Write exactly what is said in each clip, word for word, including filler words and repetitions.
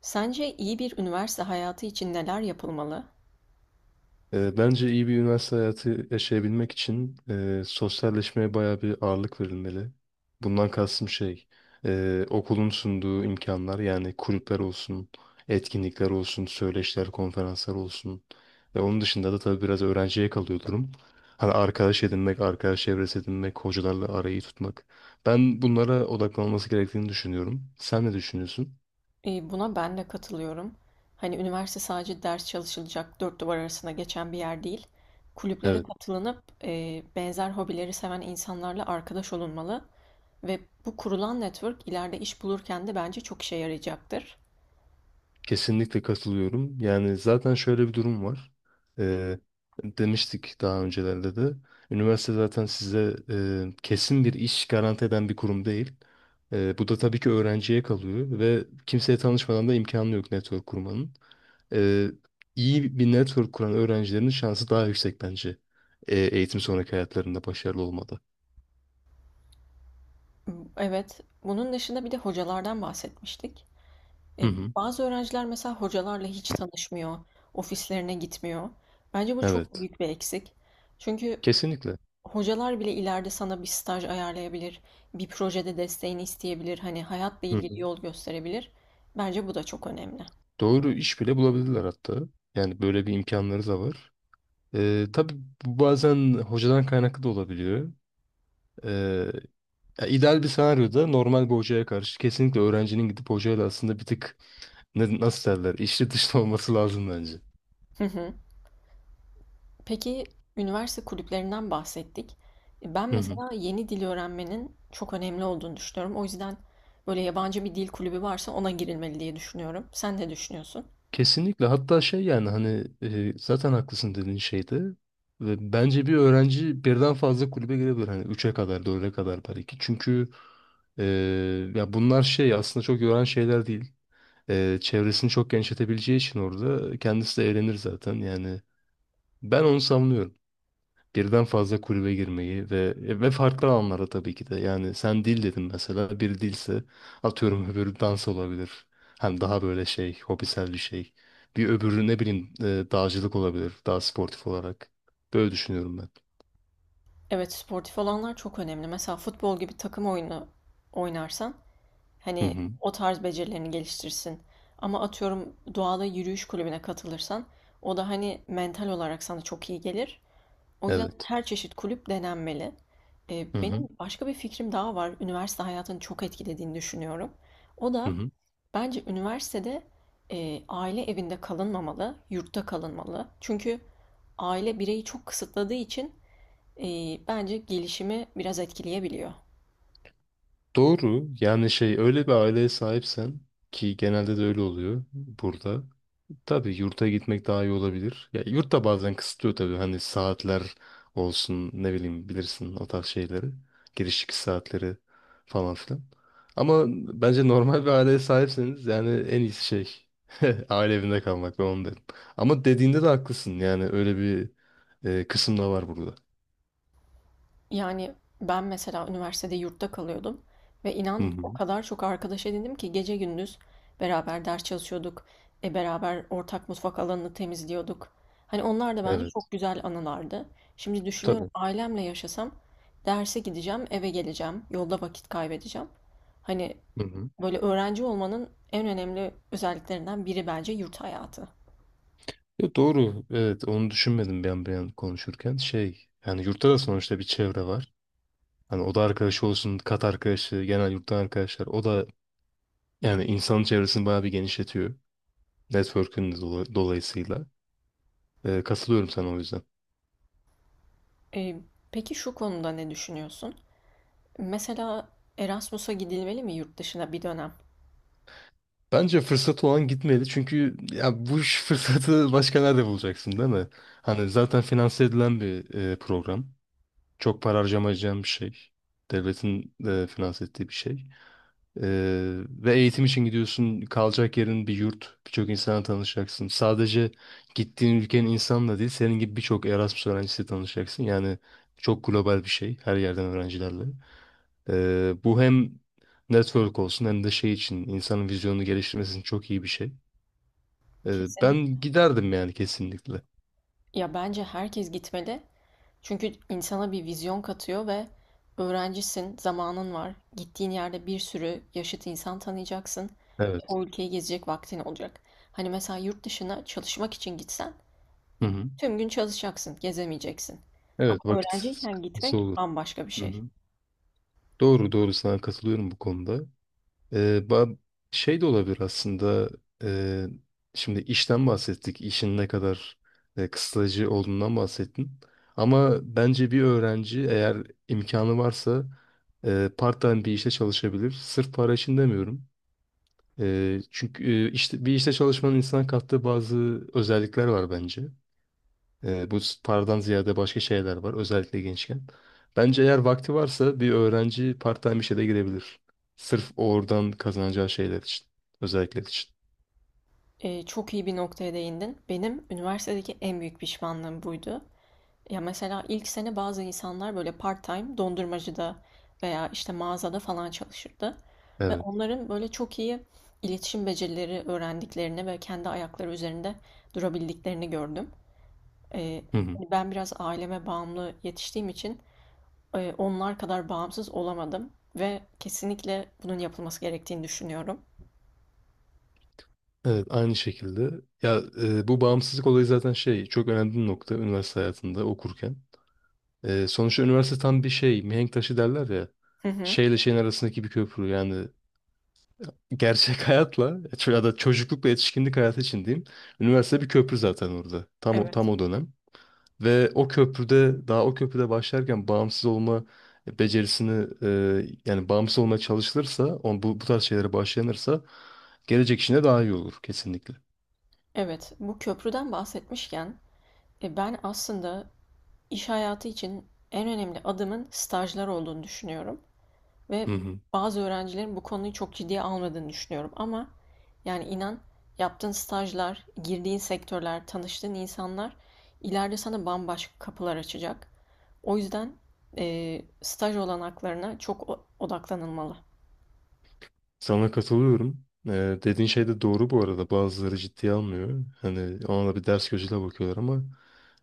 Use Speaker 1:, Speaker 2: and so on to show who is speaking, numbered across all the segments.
Speaker 1: Sence iyi bir üniversite hayatı için neler yapılmalı?
Speaker 2: Ee, bence iyi bir üniversite hayatı yaşayabilmek için e, sosyalleşmeye bayağı bir ağırlık verilmeli. Bundan kastım şey, e, okulun sunduğu imkanlar yani kulüpler olsun, etkinlikler olsun, söyleşiler, konferanslar olsun. Ve onun dışında da tabii biraz öğrenciye kalıyor durum. Hani arkadaş edinmek, arkadaş çevresi edinmek, hocalarla arayı tutmak. Ben bunlara odaklanması gerektiğini düşünüyorum. Sen ne düşünüyorsun?
Speaker 1: Eee, buna ben de katılıyorum. Hani üniversite sadece ders çalışılacak dört duvar arasında geçen bir yer değil. Kulüplere katılınıp eee, benzer hobileri seven insanlarla arkadaş olunmalı ve bu kurulan network ileride iş bulurken de bence çok işe yarayacaktır.
Speaker 2: Kesinlikle katılıyorum. Yani zaten şöyle bir durum var. Ee, demiştik daha öncelerde de. Üniversite zaten size e, kesin bir iş garanti eden bir kurum değil. Ee, bu da tabii ki öğrenciye kalıyor ve kimseye tanışmadan da imkanı yok network kurmanın. Ee, iyi bir network kuran öğrencilerin şansı daha yüksek bence. Ee, eğitim sonraki hayatlarında başarılı olmada.
Speaker 1: Evet, bunun dışında bir de hocalardan bahsetmiştik.
Speaker 2: Hı
Speaker 1: E,
Speaker 2: hı.
Speaker 1: bazı öğrenciler mesela hocalarla hiç tanışmıyor, ofislerine gitmiyor. Bence bu çok
Speaker 2: Evet.
Speaker 1: büyük bir eksik. Çünkü
Speaker 2: Kesinlikle.
Speaker 1: hocalar bile ileride sana bir staj ayarlayabilir, bir projede desteğini isteyebilir, hani hayatla
Speaker 2: Hı
Speaker 1: ilgili
Speaker 2: hı.
Speaker 1: yol gösterebilir. Bence bu da çok önemli.
Speaker 2: Doğru iş bile bulabilirler hatta. Yani böyle bir imkanları da var. Ee, tabii bu bazen hocadan kaynaklı da olabiliyor. Ee, ya ideal bir senaryoda normal bir hocaya karşı kesinlikle öğrencinin gidip hocayla aslında bir tık ne- nasıl derler içli dışlı olması lazım bence.
Speaker 1: Hı hı. Peki, üniversite kulüplerinden bahsettik. Ben
Speaker 2: Hı hı.
Speaker 1: mesela yeni dil öğrenmenin çok önemli olduğunu düşünüyorum. O yüzden böyle yabancı bir dil kulübü varsa ona girilmeli diye düşünüyorum. Sen ne düşünüyorsun?
Speaker 2: Kesinlikle hatta şey yani hani e, zaten haklısın dediğin şeyde ve bence bir öğrenci birden fazla kulübe girebilir hani üç'e kadar dörd'e kadar belki çünkü e, ya bunlar şey aslında çok yoran şeyler değil. E, çevresini çok genişletebileceği için orada kendisi de eğlenir zaten yani ben onu savunuyorum. Birden fazla kulübe girmeyi ve ve farklı alanlara tabii ki de. Yani sen dil dedin mesela. Bir dilse atıyorum öbürü dans olabilir. Hani daha böyle şey, hobisel bir şey. Bir öbürü ne bileyim e, dağcılık olabilir. Daha sportif olarak. Böyle düşünüyorum ben.
Speaker 1: Evet, sportif olanlar çok önemli. Mesela futbol gibi takım oyunu oynarsan
Speaker 2: Hı
Speaker 1: hani
Speaker 2: hı.
Speaker 1: o tarz becerilerini geliştirsin. Ama atıyorum doğada yürüyüş kulübüne katılırsan o da hani mental olarak sana çok iyi gelir. O yüzden
Speaker 2: Evet.
Speaker 1: her çeşit kulüp denenmeli. Ee,
Speaker 2: Hı hı.
Speaker 1: benim başka bir fikrim daha var. Üniversite hayatını çok etkilediğini düşünüyorum. O
Speaker 2: Hı
Speaker 1: da
Speaker 2: hı.
Speaker 1: bence üniversitede e, aile evinde kalınmamalı, yurtta kalınmalı. Çünkü aile bireyi çok kısıtladığı için e, bence gelişimi biraz etkileyebiliyor.
Speaker 2: Doğru. Yani şey öyle bir aileye sahipsen ki genelde de öyle oluyor burada. Tabii yurta gitmek daha iyi olabilir. Ya yurt da bazen kısıtlıyor tabii. Hani saatler olsun ne bileyim bilirsin o tarz şeyleri. Giriş çıkış saatleri falan filan. Ama bence normal bir aileye sahipseniz yani en iyisi şey aile evinde kalmak ben onu derim. Ama dediğinde de haklısın yani öyle bir e, kısım da var burada.
Speaker 1: Yani, ben mesela üniversitede yurtta kalıyordum ve
Speaker 2: Hı
Speaker 1: inan o
Speaker 2: hı.
Speaker 1: kadar çok arkadaş edindim ki gece gündüz beraber ders çalışıyorduk, e, beraber ortak mutfak alanını temizliyorduk. Hani onlar da bence
Speaker 2: Evet
Speaker 1: çok güzel anılardı. Şimdi düşünüyorum
Speaker 2: tabii.
Speaker 1: ailemle yaşasam derse gideceğim, eve geleceğim, yolda vakit kaybedeceğim. Hani
Speaker 2: Hı hı.
Speaker 1: böyle öğrenci olmanın en önemli özelliklerinden biri bence yurt hayatı.
Speaker 2: Ya doğru evet onu düşünmedim ben bir an konuşurken şey yani yurtta da sonuçta bir çevre var. Hani oda arkadaşı olsun, kat arkadaşı, genel yurttan arkadaşlar. O da yani insanın çevresini bayağı bir genişletiyor. Network'ün de dola- dolayısıyla. Ee, katılıyorum sana o yüzden.
Speaker 1: E, peki şu konuda ne düşünüyorsun? Mesela Erasmus'a gidilmeli mi yurt dışına bir dönem?
Speaker 2: Bence fırsatı olan gitmeli. Çünkü ya bu iş fırsatı başka nerede bulacaksın değil mi? Hani zaten finanse edilen bir e, program. Çok para harcamayacağın bir şey. Devletin de finanse ettiği bir şey. Ee, ve eğitim için gidiyorsun. Kalacak yerin bir yurt. Birçok insana tanışacaksın. Sadece gittiğin ülkenin insanla değil, senin gibi birçok Erasmus öğrencisiyle tanışacaksın. Yani çok global bir şey. Her yerden öğrencilerle. Ee, bu hem network olsun hem de şey için insanın vizyonunu geliştirmesi için çok iyi bir şey. Ee,
Speaker 1: Kesinlikle.
Speaker 2: ben giderdim yani kesinlikle.
Speaker 1: Ya bence herkes gitmeli. Çünkü insana bir vizyon katıyor ve öğrencisin, zamanın var. Gittiğin yerde bir sürü yaşıt insan tanıyacaksın.
Speaker 2: Evet.
Speaker 1: O ülkeyi gezecek vaktin olacak. Hani mesela yurt dışına çalışmak için gitsen e,
Speaker 2: Hı hı.
Speaker 1: tüm gün çalışacaksın, gezemeyeceksin. Ama
Speaker 2: Evet vakit
Speaker 1: öğrenciyken
Speaker 2: sıkıntısı
Speaker 1: gitmek
Speaker 2: olur.
Speaker 1: bambaşka bir
Speaker 2: Hı
Speaker 1: şey.
Speaker 2: hı. Doğru doğru sana katılıyorum bu konuda. Ee, ba- şey de olabilir aslında. e, Şimdi işten bahsettik. İşin ne kadar e, kısıtlayıcı olduğundan bahsettin. Ama bence bir öğrenci eğer imkanı varsa e, part-time bir işte çalışabilir. Sırf para için demiyorum. E, çünkü e, işte bir işte çalışmanın insana kattığı bazı özellikler var bence. Ee, bu paradan ziyade başka şeyler var özellikle gençken. Bence eğer vakti varsa bir öğrenci part-time işe de girebilir. Sırf oradan kazanacağı şeyler için. Özellikler için.
Speaker 1: E, çok iyi bir noktaya değindin. Benim üniversitedeki en büyük pişmanlığım buydu. Ya mesela ilk sene bazı insanlar böyle part-time dondurmacıda veya işte mağazada falan çalışırdı. Ve
Speaker 2: Evet.
Speaker 1: onların böyle çok iyi iletişim becerileri öğrendiklerini ve kendi ayakları üzerinde durabildiklerini gördüm. Ee,
Speaker 2: Hı hı.
Speaker 1: Hani ben biraz aileme bağımlı yetiştiğim için e, onlar kadar bağımsız olamadım ve kesinlikle bunun yapılması gerektiğini düşünüyorum.
Speaker 2: Evet aynı şekilde. Ya e, bu bağımsızlık olayı zaten şey çok önemli bir nokta üniversite hayatında okurken. E, sonuçta üniversite tam bir şey mihenk taşı derler ya.
Speaker 1: Hı hı.
Speaker 2: Şeyle şeyin arasındaki bir köprü yani gerçek hayatla ya da çocuklukla yetişkinlik hayatı için diyeyim. Üniversite bir köprü zaten orada. Tam o, tam
Speaker 1: Evet.
Speaker 2: o dönem. Ve o köprüde daha o köprüde başlarken bağımsız olma becerisini e, yani bağımsız olmaya çalışılırsa on, bu, bu tarz şeylere başlanırsa gelecek işine daha iyi olur kesinlikle.
Speaker 1: Evet, bu köprüden bahsetmişken e, ben aslında İş hayatı için en önemli adımın stajlar olduğunu düşünüyorum ve
Speaker 2: Hı hı.
Speaker 1: bazı öğrencilerin bu konuyu çok ciddiye almadığını düşünüyorum ama yani inan yaptığın stajlar, girdiğin sektörler, tanıştığın insanlar ileride sana bambaşka kapılar açacak. O yüzden eee, staj olanaklarına çok odaklanılmalı.
Speaker 2: Sana katılıyorum. E, dediğin şey de doğru bu arada. Bazıları ciddiye almıyor. Hani ona da bir ders gözüyle bakıyorlar ama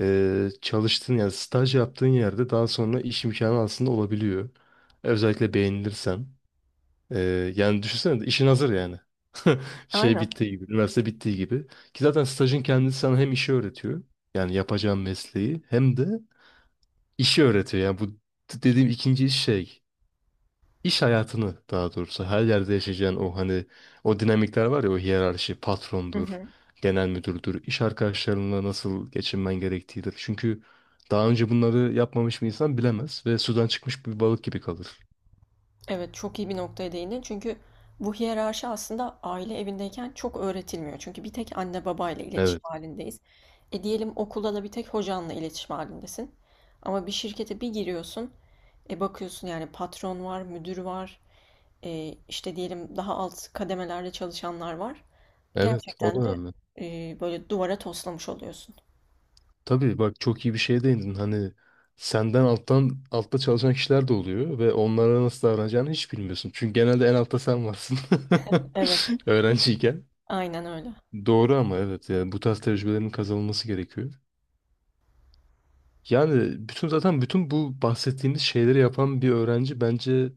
Speaker 2: e, çalıştığın yani staj yaptığın yerde daha sonra iş imkanı aslında olabiliyor. Özellikle beğenilirsen. E, yani düşünsene de işin hazır yani. Şey
Speaker 1: Aynen.
Speaker 2: bittiği gibi, üniversite bittiği gibi. Ki zaten stajın kendisi sana hem işi öğretiyor. Yani yapacağın mesleği hem de işi öğretiyor. Yani bu d- dediğim ikinci iş şey. İş hayatını daha doğrusu her yerde yaşayacağın o hani o dinamikler var ya o hiyerarşi
Speaker 1: Hı
Speaker 2: patrondur,
Speaker 1: hı.
Speaker 2: genel müdürdür, iş arkadaşlarınla nasıl geçinmen gerektiğidir. Çünkü daha önce bunları yapmamış bir insan bilemez ve sudan çıkmış bir balık gibi kalır.
Speaker 1: Evet, çok iyi bir noktaya değindin. Çünkü bu hiyerarşi aslında aile evindeyken çok öğretilmiyor. Çünkü bir tek anne babayla iletişim
Speaker 2: Evet,
Speaker 1: halindeyiz. E diyelim okulda da bir tek hocanla iletişim halindesin. Ama bir şirkete bir giriyorsun, e bakıyorsun yani patron var, müdür var, e işte diyelim daha alt kademelerde çalışanlar var.
Speaker 2: evet o da
Speaker 1: Gerçekten de
Speaker 2: önemli.
Speaker 1: e, böyle duvara toslamış oluyorsun.
Speaker 2: Tabii bak çok iyi bir şeye değindin. Hani senden alttan altta çalışan kişiler de oluyor ve onlara nasıl davranacağını hiç bilmiyorsun. Çünkü genelde en altta sen varsın.
Speaker 1: Evet,
Speaker 2: Öğrenciyken.
Speaker 1: aynen öyle.
Speaker 2: Doğru ama evet yani bu tarz tecrübelerin kazanılması gerekiyor. Yani bütün zaten bütün bu bahsettiğimiz şeyleri yapan bir öğrenci bence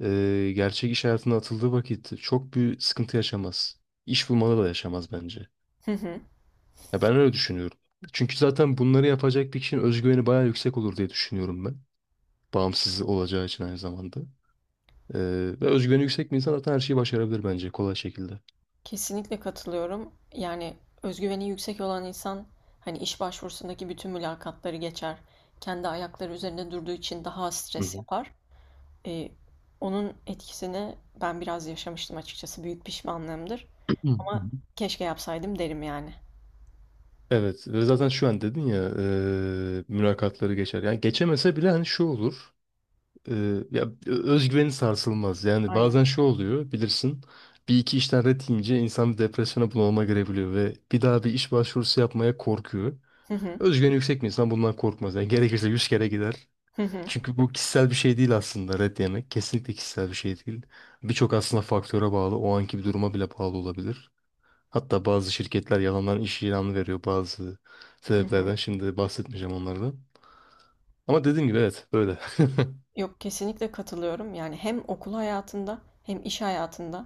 Speaker 2: e, gerçek iş hayatına atıldığı vakit çok büyük sıkıntı yaşamaz. İş bulmada da yaşamaz bence. Ya ben öyle düşünüyorum. Çünkü zaten bunları yapacak bir kişinin özgüveni bayağı yüksek olur diye düşünüyorum ben. Bağımsız olacağı için aynı zamanda. Ee, ve özgüveni yüksek bir insan zaten her şeyi başarabilir bence kolay şekilde.
Speaker 1: Kesinlikle katılıyorum. Yani özgüveni yüksek olan insan hani iş başvurusundaki bütün mülakatları geçer. Kendi ayakları üzerinde durduğu için daha az
Speaker 2: Hı
Speaker 1: stres
Speaker 2: hı.
Speaker 1: yapar. Ee, Onun etkisini ben biraz yaşamıştım açıkçası. Büyük pişmanlığımdır. Ama keşke yapsaydım derim yani.
Speaker 2: Evet ve zaten şu an dedin ya eee, mülakatları geçer. Yani geçemese bile hani şu olur. Eee, ya özgüveni sarsılmaz. Yani
Speaker 1: Aynen.
Speaker 2: bazen şu oluyor bilirsin. Bir iki işten ret yiyince insan bir depresyona bunalıma girebiliyor ve bir daha bir iş başvurusu yapmaya korkuyor.
Speaker 1: Hı hı.
Speaker 2: Özgüveni yüksek bir insan bundan korkmaz. Yani gerekirse yüz kere gider.
Speaker 1: Hı hı.
Speaker 2: Çünkü bu kişisel bir şey değil aslında red yemek. Kesinlikle kişisel bir şey değil. Birçok aslında faktöre bağlı. O anki bir duruma bile bağlı olabilir. Hatta bazı şirketler yalandan iş ilanı veriyor bazı
Speaker 1: Hı hı.
Speaker 2: sebeplerden. Şimdi bahsetmeyeceğim onlardan. Ama dediğim gibi evet böyle.
Speaker 1: Yok, kesinlikle katılıyorum. Yani hem okul hayatında hem iş hayatında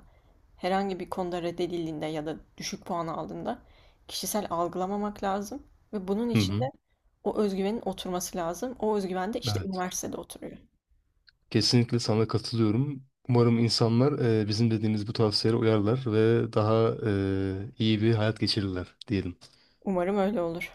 Speaker 1: herhangi bir konuda reddedildiğinde ya da düşük puan aldığında kişisel algılamamak lazım ve bunun
Speaker 2: Hı
Speaker 1: için
Speaker 2: hı.
Speaker 1: de o özgüvenin oturması lazım. O özgüven de işte
Speaker 2: Evet.
Speaker 1: üniversitede oturuyor.
Speaker 2: Kesinlikle sana katılıyorum. Umarım insanlar e, bizim dediğimiz bu tavsiyelere uyarlar ve daha e, iyi bir hayat geçirirler diyelim.
Speaker 1: Umarım öyle olur.